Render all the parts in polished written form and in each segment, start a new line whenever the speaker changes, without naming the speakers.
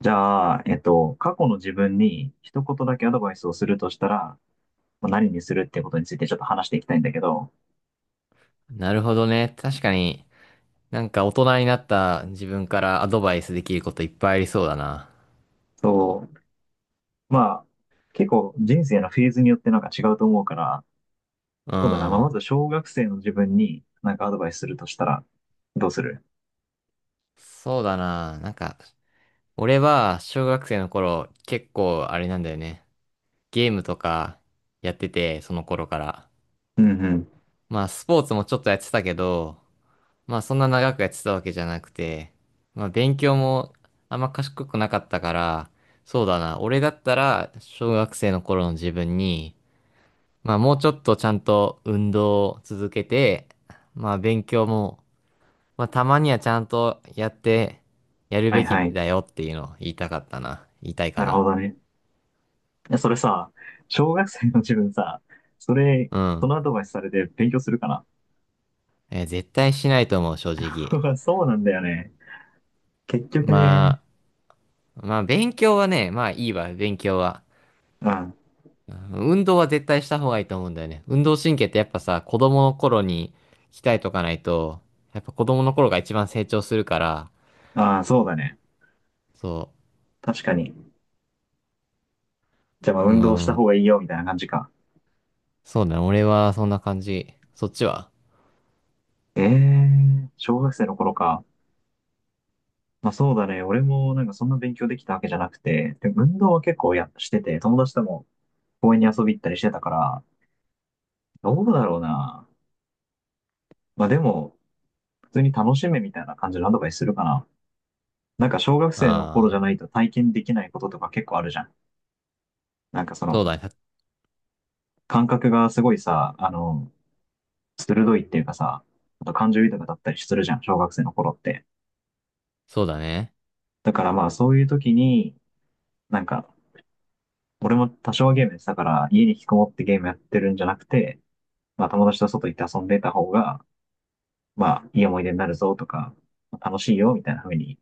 じゃあ、過去の自分に一言だけアドバイスをするとしたら、まあ何にするってことについてちょっと話していきたいんだけど、
なるほどね。確かに、大人になった自分からアドバイスできることいっぱいありそうだな。
そう、まあ、結構人生のフェーズによってなんか違うと思うから、
う
そうだな、まあ、ま
ん。
ず小学生の自分になんかアドバイスするとしたら、どうする？
そうだな。俺は小学生の頃結構あれなんだよね。ゲームとかやってて、その頃から。
うんうん。
まあスポーツもちょっとやってたけど、まあそんな長くやってたわけじゃなくて、まあ勉強もあんま賢くなかったから、そうだな。俺だったら小学生の頃の自分に、まあもうちょっとちゃんと運動を続けて、まあ勉強も、まあたまにはちゃんとやってやる
は
べ
い
き
はい。
だよっていうのを言いたかったな。言いたい
な
か
るほ
な。
どね。いやそれさ、小学生の自分さ、それ、
う
そ
ん。
のアドバイスされて勉強するかな？
えー絶対しないと思う、正直。
そうなんだよね。結局ね。
ままあ勉強はね、まあいいわ、勉強は。
うん。
うん、運動は絶対した方がいいと思うんだよね。運動神経ってやっぱさ、子供の頃に鍛えとかないと、やっぱ子供の頃が一番成長するから、
ああ、そうだね。
そ
確かに。じゃあまあ
う。う
運動した方
ん、
がいいよみたいな感じか。
そうだね。俺はそんな感じ。そっちは？
小学生の頃か。まあそうだね。俺もなんかそんな勉強できたわけじゃなくて、で運動は結構やしてて、友達とも公園に遊び行ったりしてたから、どうだろうな。まあでも、普通に楽しめみたいな感じのアドバイスするかな。なんか小学生の頃じゃ
あ
な
あ
いと体験できないこととか結構あるじゃん。なんかそ
ー、そう
の
だね。
感覚がすごいさ、鋭いっていうかさ、あと感情豊かだったりするじゃん、小学生の頃って。
そうだね。
だからまあそういう時に、なんか俺も多少はゲームやってたから、家に引きこもってゲームやってるんじゃなくて、まあ友達と外行って遊んでた方が、まあいい思い出になるぞとか、楽しいよみたいな風に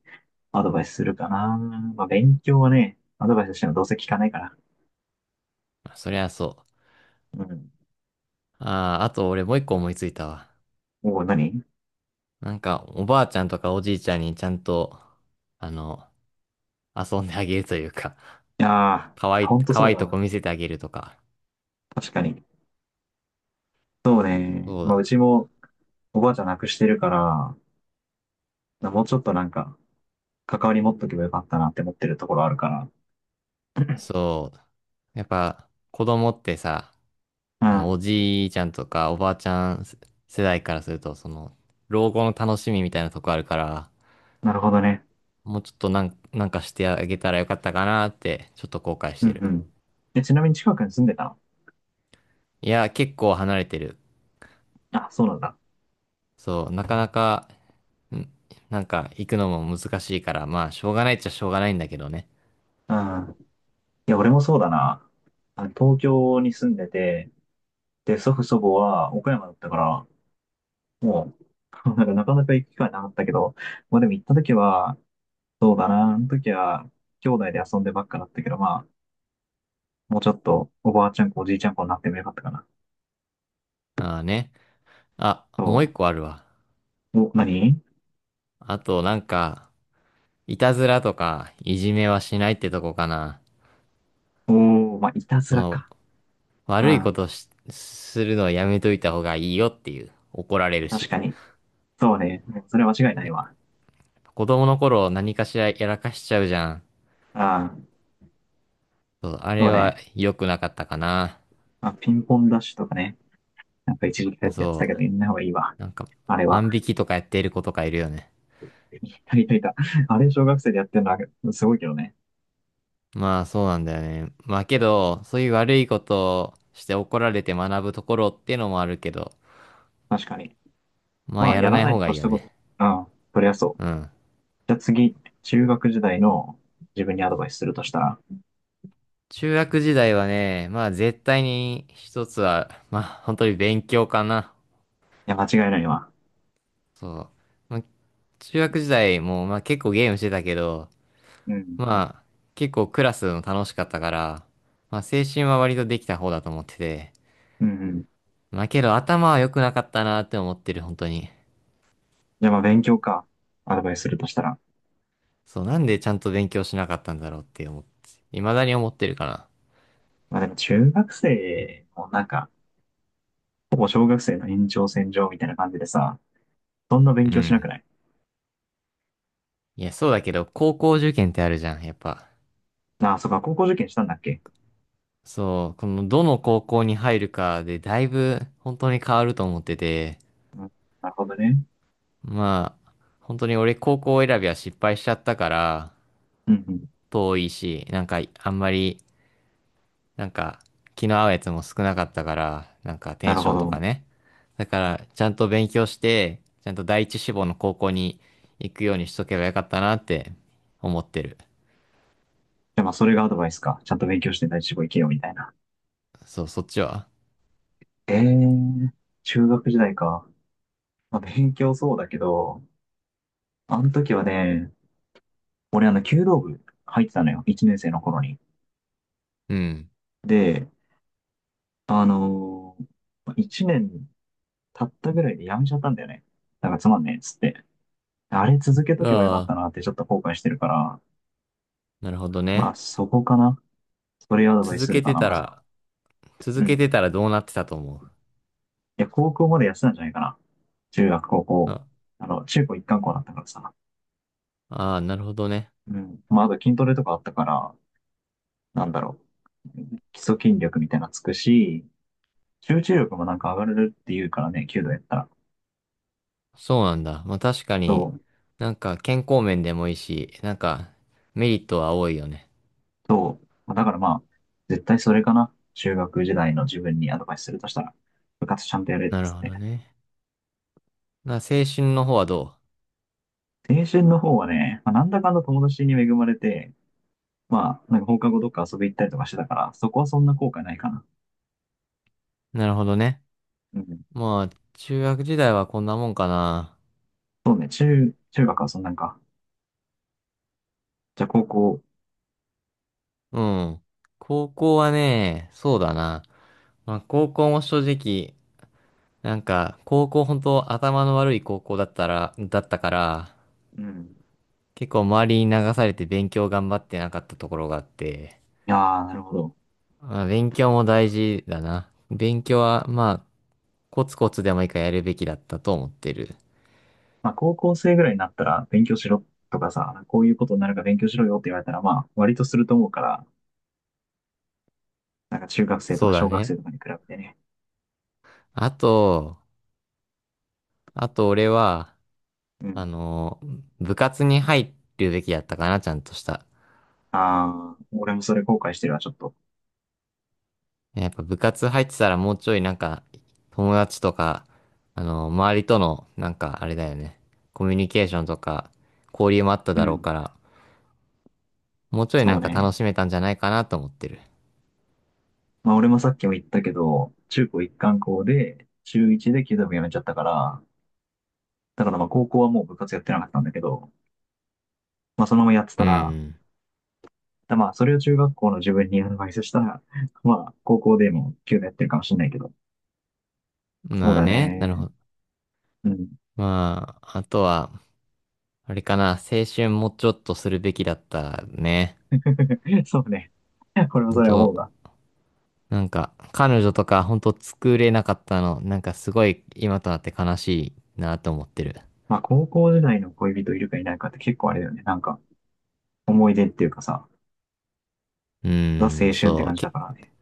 アドバイスするかな。まあ勉強はね、アドバイスしてもどうせ聞かないから。
そりゃそ
うん。
う。ああ、あと俺もう一個思いついたわ。
おお、何い？
おばあちゃんとかおじいちゃんにちゃんと、あの、遊んであげるというか、
や
可
ー、
愛い、
ほんと
可
そう
愛い
だ
と
わ。
こ見せてあげるとか。
確かに。そうね。
そう
まあう
だ。
ちもおばあちゃん亡くしてるから、もうちょっとなんか関わり持っとけばよかったなって思ってるところあるから。
そう。やっぱ、子供ってさ、
う
あの、お
ん。
じいちゃんとかおばあちゃん世代からすると、その、老後の楽しみみたいなとこあるから、
なるほどね。
もうちょっとなんかしてあげたらよかったかなって、ちょっと後悔し
うん
てる。
うん。え、ちなみに近くに住んでたの？
いや、結構離れてる。
あ、そうなんだ。
そう、なかなか、んなんか行くのも難しいから、まあ、しょうがないっちゃしょうがないんだけどね。
うん。いや、俺もそうだな。東京に住んでて、で、祖父祖母は岡山だったから、もう、なんかなかなか行く機会なかったけど、まあでも行った時は、そうだな、あの時は、兄弟で遊んでばっかだったけど、まあ、もうちょっと、おばあちゃん子、おじいちゃん子になってもよかったかな。
ああね。あ、
そ
もう一個あるわ。
う。お、何？
あと、いたずらとか、いじめはしないってとこかな。
おー、まあ、いたず
そ
ら
の、
か。う
悪いこ
ん、
とし、するのはやめといた方がいいよっていう。怒られる
確
し。
かに。そうね。それは間違いないわ。
子供の頃何かしらやらかしちゃうじゃん。
うん、
そう、あ
そう
れ
ね。
は良くなかったかな。
まあ、ピンポンダッシュとかね。なんか一時期やっ
あ、
てやってた
そ
けど、やんない方がいいわ。
う。
あれは。
万引きとかやっている子とかいるよね。
やりたいた。あれ、小学生でやってるのはすごいけどね。
まあ、そうなんだよね。まあ、けど、そういう悪いことをして怒られて学ぶところっていうのもあるけど、
確かに。
まあ、
まあ、
や
や
ら
ら
ない
ない
方
に
が
越
いい
し
よ
たこと。
ね。
うん。そりゃそう。
うん。
じゃあ次、中学時代の自分にアドバイスするとしたら。
中学時代はね、まあ、絶対に一つは、まあ、本当に勉強かな。
いや、間違いないわ。
そう。まあ、中学時代も、まあ、結構ゲームしてたけど、
うん。
まあ、結構クラスも楽しかったから、まあ、青春は割とできた方だと思ってて、
うんうん。
まあけど頭は良くなかったなって思ってる、本当に。
じゃあまあ、勉強か。アドバイスするとしたら。
そう、なんでちゃんと勉強しなかったんだろうって思って、未だに思ってるかな。
まあでも、中学生もなんか、ほぼ小学生の延長線上みたいな感じでさ、そんな勉
う
強しなく
ん。
ない？
いや、そうだけど、高校受験ってあるじゃん、やっぱ。
ああ、そうか、高校受験したんだっけ？
そう、この、どの高校に入るかでだいぶ本当に変わると思ってて、
うん。なるほどね。
まあ、本当に俺高校選びは失敗しちゃったから、
うんうん。
遠いし、なんかあんまりなんか、気の合うやつも少なかったから、なんかテ
な
ン
る
シ
ほ
ョンとか
ど。
ね。だから、ちゃんと勉強して、ちゃんと第一志望の高校に行くようにしとけばよかったなって思ってる。
じゃあまあ、それがアドバイスか。ちゃんと勉強して第一志望行けよ、みたいな。
そう、そっちは？
ええー、中学時代か。まあ、勉強そうだけど、あの時はね、俺弓道部入ってたのよ。1年生の頃に。
うん。
で、あの1年経ったぐらいでやめちゃったんだよね。なんかつまんねえっつって。あれ続けとけばよかった
ああ、
なってちょっと後悔してるから、
なるほど
まあ
ね。
そこかな。それアドバイス
続
する
け
か
て
な、
た
まずは。
ら、続
う
け
ん。
てたらどうなってたと思
いや、高校までやってたんじゃないかな。中学、高
う？
校。
あ、
中高一貫校だったからさ。
ああ、なるほどね。
うん。まああと筋トレとかあったから、なんだろう。基礎筋力みたいなのつくし、集中力もなんか上がるって言うからね、弓道やったら。
そうなんだ。まあ確か
そ
に、
う、
なんか健康面でもいいし、なんかメリットは多いよね。
そう。だからまあ、絶対それかな。中学時代の自分にアドバイスするとしたら、部活ちゃんとやれっ
なる
つっ
ほ
て。
どね。な、青春の方はど
青春の方はね、まあ、なんだかんだ友達に恵まれて、まあ、なんか放課後どっか遊び行ったりとかしてたから、そこはそんな後悔ないかな。
う？なるほどね。
うん。
まあ、中学時代はこんなもんかな。
そうね、中学はそんなんか。じゃあ高校、
うん。高校はね、そうだな。まあ、高校も正直、高校本当頭の悪い高校だったら、だったから、
うん。
結構周りに流されて勉強頑張ってなかったところがあって、
いやー、なるほど。
まあ、勉強も大事だな。勉強は、まあ、コツコツでもいいからやるべきだったと思ってる。
まあ、高校生ぐらいになったら勉強しろとかさ、こういうことになるから勉強しろよって言われたら、まあ、割とすると思うから、なんか中学生と
そ
か
うだ
小学
ね。
生とかに比べてね。
あと、あと俺は、
う
あ
ん。
の、部活に入るべきだったかな、ちゃんとした。
ああ、俺もそれ後悔してるわ、ちょっと。
ね、やっぱ部活入ってたらもうちょいなんか友達とか、あの、周りとのなんかあれだよね、コミュニケーションとか交流もあった
う
だろう
ん。
から、もうちょいな
そう
んか
ね。
楽しめたんじゃないかなと思ってる。
まあ、俺もさっきも言ったけど、中高一貫校で、中一で弓道部やめちゃったから、だからまあ、高校はもう部活やってなかったんだけど、まあ、そのままやってた
う
ら、
ん。
だまあ、それを中学校の自分にアドバイスしたら、まあ、高校でも弓道やってるかもしれないけど、そう
まあ
だ
ね、なる
ね。
ほど。
うん。
まあ、あとは、あれかな、青春もうちょっとするべきだったね。
そうね。これも
本
それは思
当
うわ。
なんか、彼女とか本当作れなかったの、なんかすごい今となって悲しいなと思ってる。
まあ、高校時代の恋人いるかいないかって結構あれだよね。なんか、思い出っていうかさ、
う
ザ
ー
青
ん、
春って
そ
感
う、
じだからね。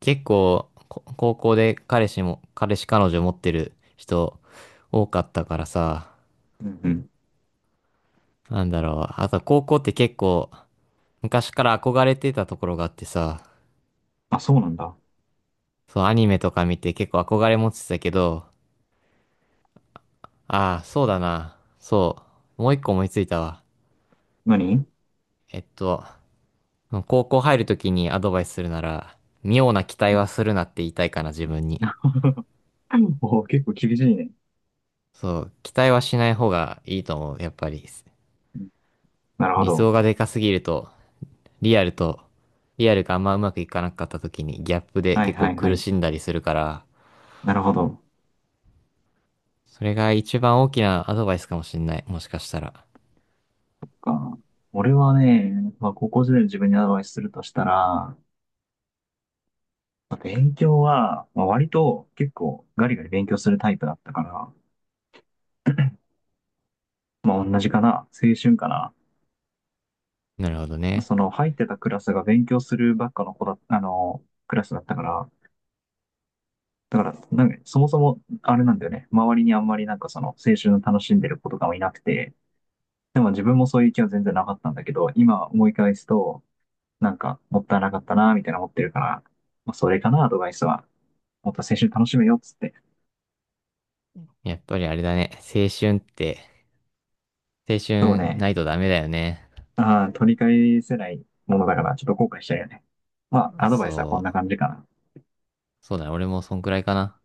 結構、高校で彼氏彼女持ってる人多かったからさ、
うんうん。
なんだろう。あと高校って結構昔から憧れてたところがあってさ、
あ、そうなんだ。
そう、アニメとか見て結構憧れ持ってたけど、ああ、そうだな。そう。もう一個思いついたわ。
何？
えっと、高校入るときにアドバイスするなら、妙な期待
う
は
ん。
するなって言いたいかな、自分に。
おー結構厳しいね。
そう、期待はしない方がいいと思う、やっぱり。
うん。なるほ
理想
ど。
がでかすぎると、リアルと、リアルがあんまうまくいかなかった時にギャップで
はい
結
は
構
いは
苦
い。
しんだりするから、
なるほど。
それが一番大きなアドバイスかもしんない。もしかしたら。
か。俺はね、まあ、高校時代の自分にアドバイスするとしたら、まあ勉強は、まあ、割と結構ガリガリ勉強するタイプだったから、まあ、同じかな。青春かな。
なるほどね。
その入ってたクラスが勉強するばっかの子だ、クラスだったから、だから、なんか、そもそも、あれなんだよね。周りにあんまりなんかその、青春を楽しんでる子とかもいなくて、でも自分もそういう気は全然なかったんだけど、今思い返すと、なんか、もったいなかったな、みたいな思ってるから、まあ、それかな、アドバイスは。もっと青春楽しめよ、っつって。
やっぱりあれだね。青
そう
春
ね。
ないとダメだよね。
ああ、取り返せないものだから、ちょっと後悔しちゃうよね。まあ、アドバイスはこん
そ
な
う。
感じかな。
そうだね。俺もそんくらいかな。